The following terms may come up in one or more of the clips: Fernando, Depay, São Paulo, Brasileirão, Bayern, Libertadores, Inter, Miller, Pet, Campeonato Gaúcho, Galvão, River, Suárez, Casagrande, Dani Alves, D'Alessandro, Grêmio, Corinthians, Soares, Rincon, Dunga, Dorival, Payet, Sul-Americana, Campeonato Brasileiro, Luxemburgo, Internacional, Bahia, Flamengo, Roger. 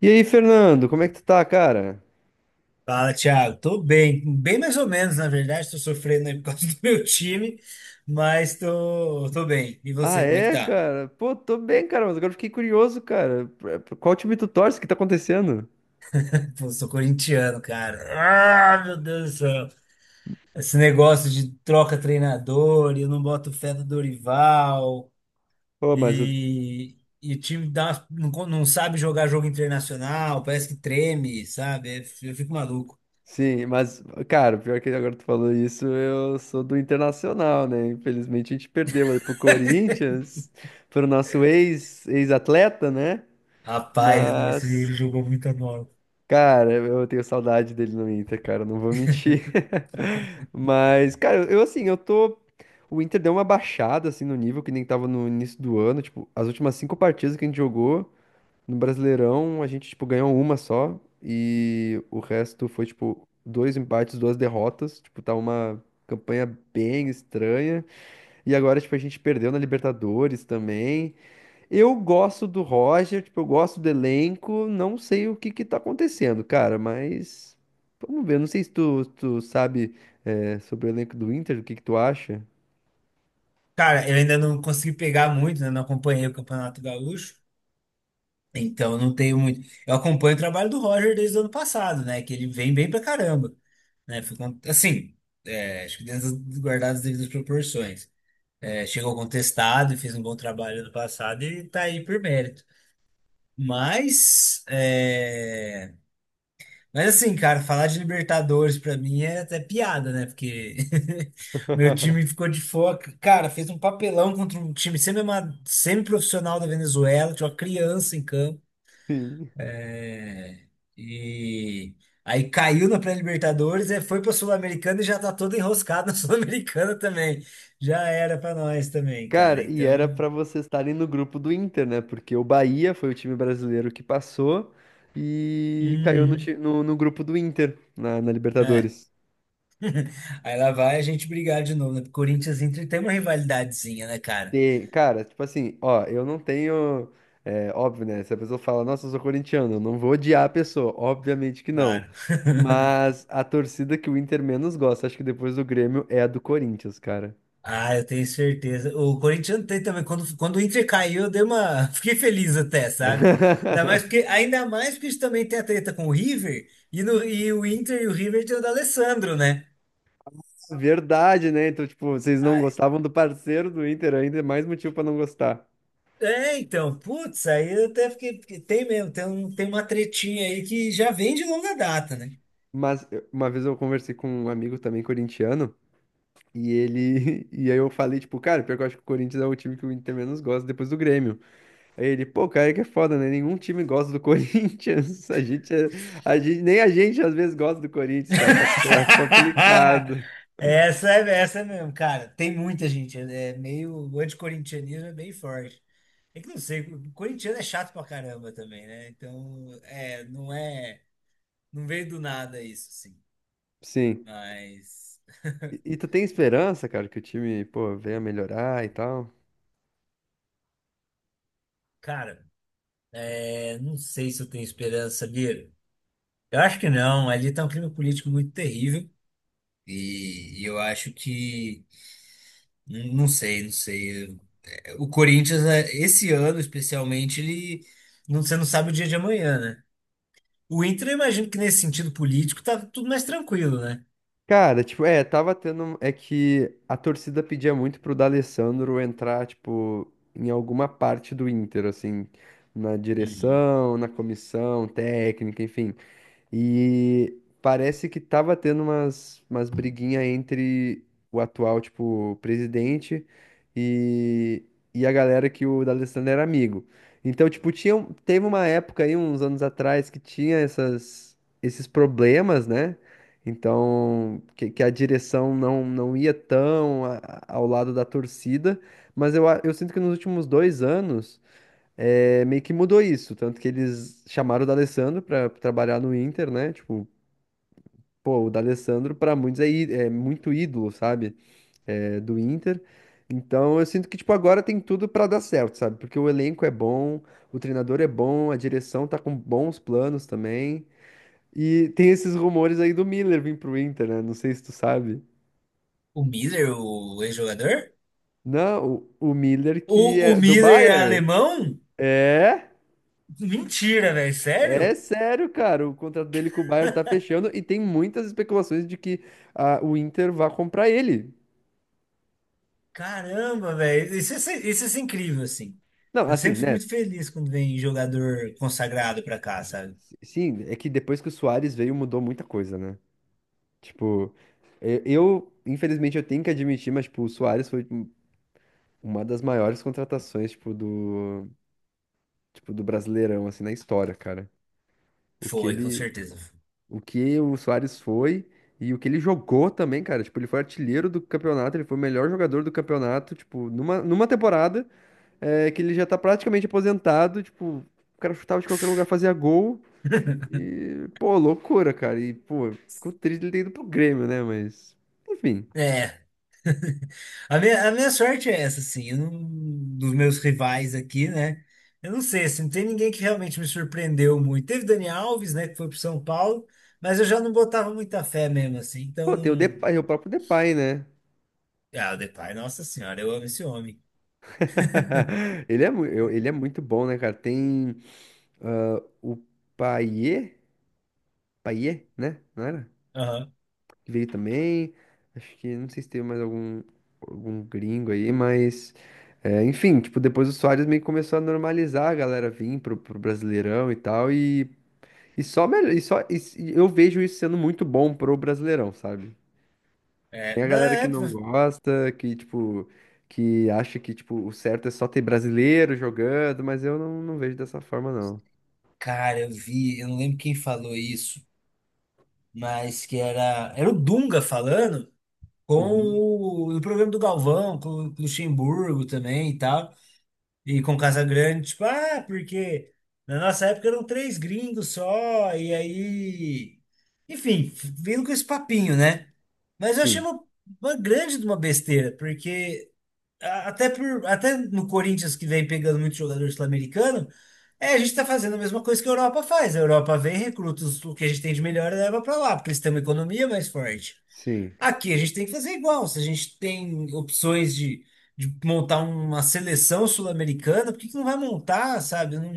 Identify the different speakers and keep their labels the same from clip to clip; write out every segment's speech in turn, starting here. Speaker 1: E aí, Fernando, como é que tu tá, cara?
Speaker 2: Fala, Thiago. Tô bem, bem mais ou menos, na verdade. Tô sofrendo aí por causa do meu time, mas tô bem. E
Speaker 1: Ah,
Speaker 2: você, como é que
Speaker 1: é,
Speaker 2: tá?
Speaker 1: cara? Pô, tô bem, cara, mas agora eu fiquei curioso, cara. Qual time tu torce? O que tá acontecendo?
Speaker 2: Pô, sou corintiano, cara. Ah, meu Deus do céu. Esse negócio de troca treinador, e eu não boto fé no Dorival,
Speaker 1: Pô, mas eu...
Speaker 2: e o time dá, não, não sabe jogar jogo internacional, parece que treme, sabe? Eu fico maluco.
Speaker 1: Sim, mas, cara, pior que agora tu falou isso, eu sou do Internacional, né? Infelizmente a gente perdeu aí pro Corinthians, pro nosso ex-atleta, né?
Speaker 2: Rapaz, nossa,
Speaker 1: Mas
Speaker 2: ele jogou muita bola.
Speaker 1: cara, eu tenho saudade dele no Inter, cara, não vou mentir. Mas, cara, eu tô. O Inter deu uma baixada, assim, no nível que nem tava no início do ano. Tipo, as últimas cinco partidas que a gente jogou no Brasileirão, a gente, tipo, ganhou uma só. E o resto foi, tipo, dois empates, duas derrotas. Tipo, tá uma campanha bem estranha. E agora, tipo, a gente perdeu na Libertadores também. Eu gosto do Roger, tipo, eu gosto do elenco, não sei o que que tá acontecendo, cara, mas vamos ver, não sei se tu sabe, é, sobre o elenco do Inter, o que que tu acha?
Speaker 2: Cara, eu ainda não consegui pegar muito, né? Não acompanhei o Campeonato Gaúcho, então não tenho muito. Eu acompanho o trabalho do Roger desde o ano passado, né? Que ele vem bem pra caramba, né? Assim, acho que dentro das guardadas as devidas proporções. É, chegou contestado, fez um bom trabalho ano passado e tá aí por mérito. Mas, é, mas assim, cara, falar de Libertadores pra mim é até piada, né? Porque meu time ficou de fora. Cara, fez um papelão contra um time semi-profissional da Venezuela, tinha uma criança em campo.
Speaker 1: Sim.
Speaker 2: É, e aí caiu na pré-Libertadores, é, foi pra Sul-Americana e já tá todo enroscado na Sul-Americana também. Já era pra nós também, cara.
Speaker 1: Cara, e era
Speaker 2: Então,
Speaker 1: pra vocês estarem no grupo do Inter, né? Porque o Bahia foi o time brasileiro que passou e caiu no,
Speaker 2: uhum,
Speaker 1: no, no grupo do Inter, na
Speaker 2: é.
Speaker 1: Libertadores.
Speaker 2: Aí lá vai a gente brigar de novo, né? Porque Corinthians e Inter tem uma rivalidadezinha, né, cara?
Speaker 1: Tem, cara, tipo assim, ó, eu não tenho. É, óbvio, né? Se a pessoa fala, nossa, eu sou corintiano, eu não vou odiar a pessoa. Obviamente que não.
Speaker 2: Claro.
Speaker 1: Mas a torcida que o Inter menos gosta, acho que depois do Grêmio, é a do Corinthians, cara.
Speaker 2: Ah, eu tenho certeza. O Corinthians tem também. Quando o Inter caiu, eu dei uma. Fiquei feliz até, sabe? Ainda mais porque a gente também tem a treta com o River. E, no, e o Inter e o River tem o D'Alessandro, né?
Speaker 1: Verdade, né? Então, tipo, vocês não
Speaker 2: Ai,
Speaker 1: gostavam do parceiro do Inter ainda, é mais motivo pra não gostar.
Speaker 2: é, então. Putz, aí eu até fiquei, porque tem mesmo. Tem, um, tem uma tretinha aí que já vem de longa data, né?
Speaker 1: Mas uma vez eu conversei com um amigo também corintiano, e ele. E aí eu falei, tipo, cara, pior que eu acho que o Corinthians é o time que o Inter menos gosta depois do Grêmio. Aí ele, pô, cara, é que é foda, né? Nenhum time gosta do Corinthians. A gente, a gente, nem a gente às vezes gosta do Corinthians, cara. Tá complicado.
Speaker 2: Essa é mesmo, cara. Tem muita gente. É é meio. O anticorintianismo é bem forte. É que não sei, o corintiano é chato pra caramba também, né? Então, é, não veio do nada isso, assim.
Speaker 1: Sim.
Speaker 2: Mas,
Speaker 1: E tu tem esperança, cara, que o time, pô, venha melhorar e tal?
Speaker 2: cara, é, não sei se eu tenho esperança, sabia? Eu acho que não, ali tá um clima político muito terrível. E eu acho que, não sei, não sei. O Corinthians, é, esse ano especialmente, ele, não, você não sabe o dia de amanhã, né? O Inter, eu imagino que nesse sentido político tá tudo mais tranquilo, né?
Speaker 1: Cara, tipo, é, É que a torcida pedia muito pro D'Alessandro entrar, tipo, em alguma parte do Inter, assim, na
Speaker 2: E
Speaker 1: direção, na comissão técnica, enfim. E parece que tava tendo umas briguinhas entre o atual, tipo, presidente e, e a galera que o D'Alessandro era amigo. Então, tipo, teve uma época aí, uns anos atrás, que tinha esses problemas, né? Então, que a direção não ia tão ao lado da torcida. Mas eu sinto que nos últimos 2 anos é, meio que mudou isso. Tanto que eles chamaram o D'Alessandro pra trabalhar no Inter, né? Tipo, pô, o D'Alessandro pra muitos é muito ídolo, sabe? É, do Inter. Então eu sinto que, tipo, agora tem tudo pra dar certo, sabe? Porque o elenco é bom, o treinador é bom, a direção tá com bons planos também. E tem esses rumores aí do Miller vir pro Inter, né? Não sei se tu sabe.
Speaker 2: o Miller, o ex-jogador?
Speaker 1: Não, o Miller que
Speaker 2: O
Speaker 1: é do
Speaker 2: Miller é
Speaker 1: Bayern.
Speaker 2: alemão?
Speaker 1: É?
Speaker 2: Mentira, velho.
Speaker 1: É
Speaker 2: Sério?
Speaker 1: sério, cara. O contrato dele com o Bayern tá fechando e tem muitas especulações de que ah, o Inter vá comprar ele.
Speaker 2: Caramba, velho. Isso, isso é incrível, assim.
Speaker 1: Não,
Speaker 2: Eu
Speaker 1: assim,
Speaker 2: sempre fico
Speaker 1: né?
Speaker 2: muito feliz quando vem jogador consagrado pra cá, sabe?
Speaker 1: Sim, é que depois que o Suárez veio mudou muita coisa, né? Tipo, infelizmente eu tenho que admitir, mas tipo, o Suárez foi um- uma das maiores contratações, tipo, do Brasileirão assim na história, cara. O que
Speaker 2: Foi, com
Speaker 1: ele,
Speaker 2: certeza.
Speaker 1: o que o Suárez foi e o que ele jogou também, cara. Tipo, ele foi artilheiro do campeonato, ele foi o melhor jogador do campeonato, tipo, numa temporada. É que ele já tá praticamente aposentado, tipo, o cara chutava de qualquer lugar, fazia gol. E, pô, loucura, cara. E, pô, ficou triste ele ter ido pro Grêmio, né? Mas, enfim.
Speaker 2: É. A minha sorte é essa, assim. Eu não- Dos meus rivais aqui, né? Eu não sei, assim, não tem ninguém que realmente me surpreendeu muito. Teve Dani Alves, né, que foi pro São Paulo, mas eu já não botava muita fé mesmo, assim. Então,
Speaker 1: Pô, tem o
Speaker 2: não.
Speaker 1: Depay, o próprio Depay, né?
Speaker 2: Ah, o Depay, nossa senhora, eu amo esse homem.
Speaker 1: Ele é, ele é muito bom, né, cara? Tem ah, o Payet, Payet, né? Não era?
Speaker 2: Aham.
Speaker 1: Que veio também. Acho que não sei se teve mais algum, algum gringo aí, mas é, enfim, tipo, depois o Soares meio que começou a normalizar a galera vir pro, pro Brasileirão e tal, e só melhor, e só e se- eu vejo isso sendo muito bom pro Brasileirão, sabe?
Speaker 2: É,
Speaker 1: Tem a
Speaker 2: não,
Speaker 1: galera que
Speaker 2: é,
Speaker 1: não gosta, que tipo, que acha que tipo, o certo é só ter brasileiro jogando, mas eu não vejo dessa forma, não.
Speaker 2: cara, eu vi, eu não lembro quem falou isso, mas era o Dunga falando com
Speaker 1: Uhum.
Speaker 2: o programa do Galvão, com, o Luxemburgo também e tal, e com o Casagrande, tipo, ah, porque na nossa época eram três gringos só, e aí, enfim, vindo com esse papinho, né? Mas eu achei
Speaker 1: Sim,
Speaker 2: uma grande de uma besteira, porque até por, até no Corinthians que vem pegando muito jogador sul-americano, é, a gente está fazendo a mesma coisa que a Europa faz. A Europa vem, recruta o que a gente tem de melhor e leva para lá, porque eles têm uma economia mais forte.
Speaker 1: sim.
Speaker 2: Aqui a gente tem que fazer igual. Se a gente tem opções de montar uma seleção sul-americana, por que que não vai montar, sabe? Não,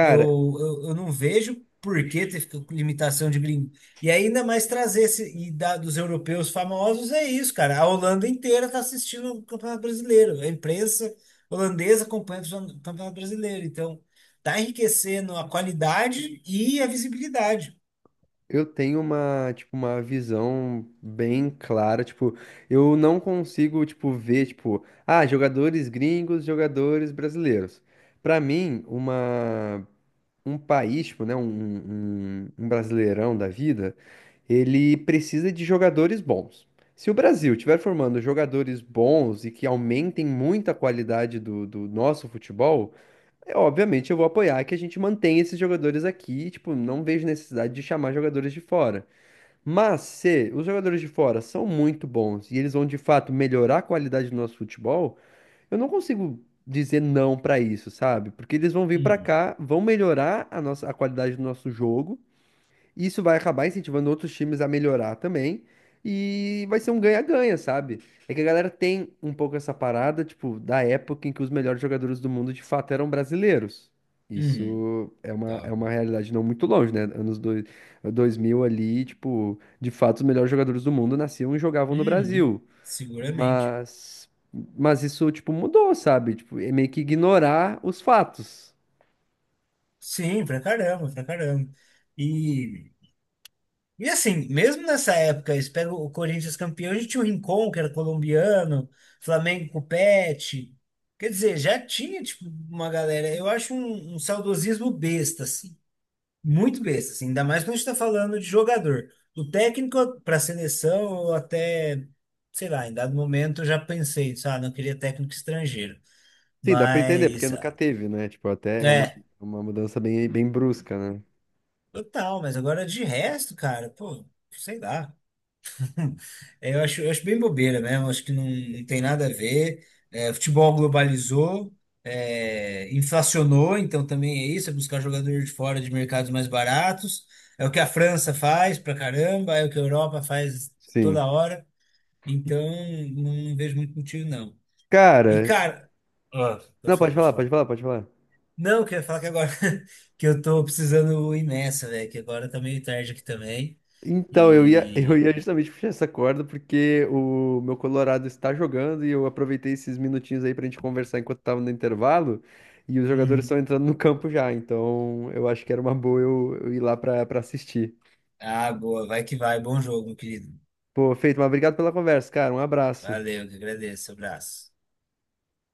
Speaker 2: eu, eu não vejo por que ter ficado limitação de gringo. E ainda mais trazer esse, e da, dos europeus famosos é isso, cara. A Holanda inteira está assistindo o Campeonato Brasileiro. A imprensa holandesa acompanha o Campeonato Brasileiro. Então, tá enriquecendo a qualidade e a visibilidade.
Speaker 1: eu tenho uma, tipo, uma visão bem clara, tipo, eu não consigo, tipo, ver, tipo, ah, jogadores gringos, jogadores brasileiros. Pra mim, uma, um país, tipo, né, um brasileirão da vida, ele precisa de jogadores bons. Se o Brasil estiver formando jogadores bons e que aumentem muito a qualidade do nosso futebol, é, obviamente eu vou apoiar que a gente mantenha esses jogadores aqui, tipo, não vejo necessidade de chamar jogadores de fora. Mas se os jogadores de fora são muito bons e eles vão de fato melhorar a qualidade do nosso futebol, eu não consigo dizer não pra isso, sabe? Porque eles vão vir pra
Speaker 2: Uhum,
Speaker 1: cá, vão melhorar a nossa a qualidade do nosso jogo, isso vai acabar incentivando outros times a melhorar também. E vai ser um ganha-ganha, sabe? É que a galera tem um pouco essa parada, tipo, da época em que os melhores jogadores do mundo de fato eram brasileiros.
Speaker 2: uhum,
Speaker 1: Isso é
Speaker 2: tá.
Speaker 1: uma realidade não muito longe, né? 2000 ali, tipo, de fato os melhores jogadores do mundo nasciam e jogavam no
Speaker 2: Uhum,
Speaker 1: Brasil.
Speaker 2: seguramente.
Speaker 1: Mas, mas isso, tipo, mudou, sabe? Tipo, é meio que ignorar os fatos.
Speaker 2: Sim, pra caramba, pra caramba. E assim, mesmo nessa época, eles pegam o Corinthians campeão, a gente tinha o Rincon, que era colombiano, Flamengo com o Pet. Quer dizer, já tinha, tipo, uma galera. Eu acho um saudosismo besta, assim. Muito besta, assim. Ainda mais quando a gente tá falando de jogador. O técnico para seleção, eu até, sei lá, em dado momento eu já pensei, sabe, não queria técnico estrangeiro.
Speaker 1: Sim, dá pra entender, porque
Speaker 2: Mas,
Speaker 1: nunca teve, né? Tipo, até é
Speaker 2: é,
Speaker 1: uma mudança bem, bem brusca, né?
Speaker 2: total. Mas agora de resto, cara, pô, sei lá. É, eu acho, eu acho bem bobeira mesmo, acho que não, não tem nada a ver. É, futebol globalizou, é, inflacionou, então também é isso, é buscar jogador de fora de mercados mais baratos. É o que a França faz pra caramba, é o que a Europa faz
Speaker 1: Sim.
Speaker 2: toda hora. Então, não, não vejo muito motivo, não. E,
Speaker 1: Cara,
Speaker 2: cara, ó,
Speaker 1: não,
Speaker 2: pode falar,
Speaker 1: pode
Speaker 2: pode
Speaker 1: falar, pode
Speaker 2: falar.
Speaker 1: falar, pode falar.
Speaker 2: Não, eu queria falar que agora que eu tô precisando ir nessa, velho, que agora tá meio tarde aqui também.
Speaker 1: Então, eu ia, eu
Speaker 2: E.
Speaker 1: ia justamente puxar essa corda porque o meu Colorado está jogando e eu aproveitei esses minutinhos aí pra gente conversar enquanto tava no intervalo e os jogadores
Speaker 2: Hum,
Speaker 1: estão entrando no campo já, então eu acho que era uma boa eu ir lá pra, pra assistir.
Speaker 2: ah, boa. Vai que vai. Bom jogo, meu querido.
Speaker 1: Pô, feito, mas obrigado pela conversa, cara. Um abraço.
Speaker 2: Valeu, que agradeço. Abraço.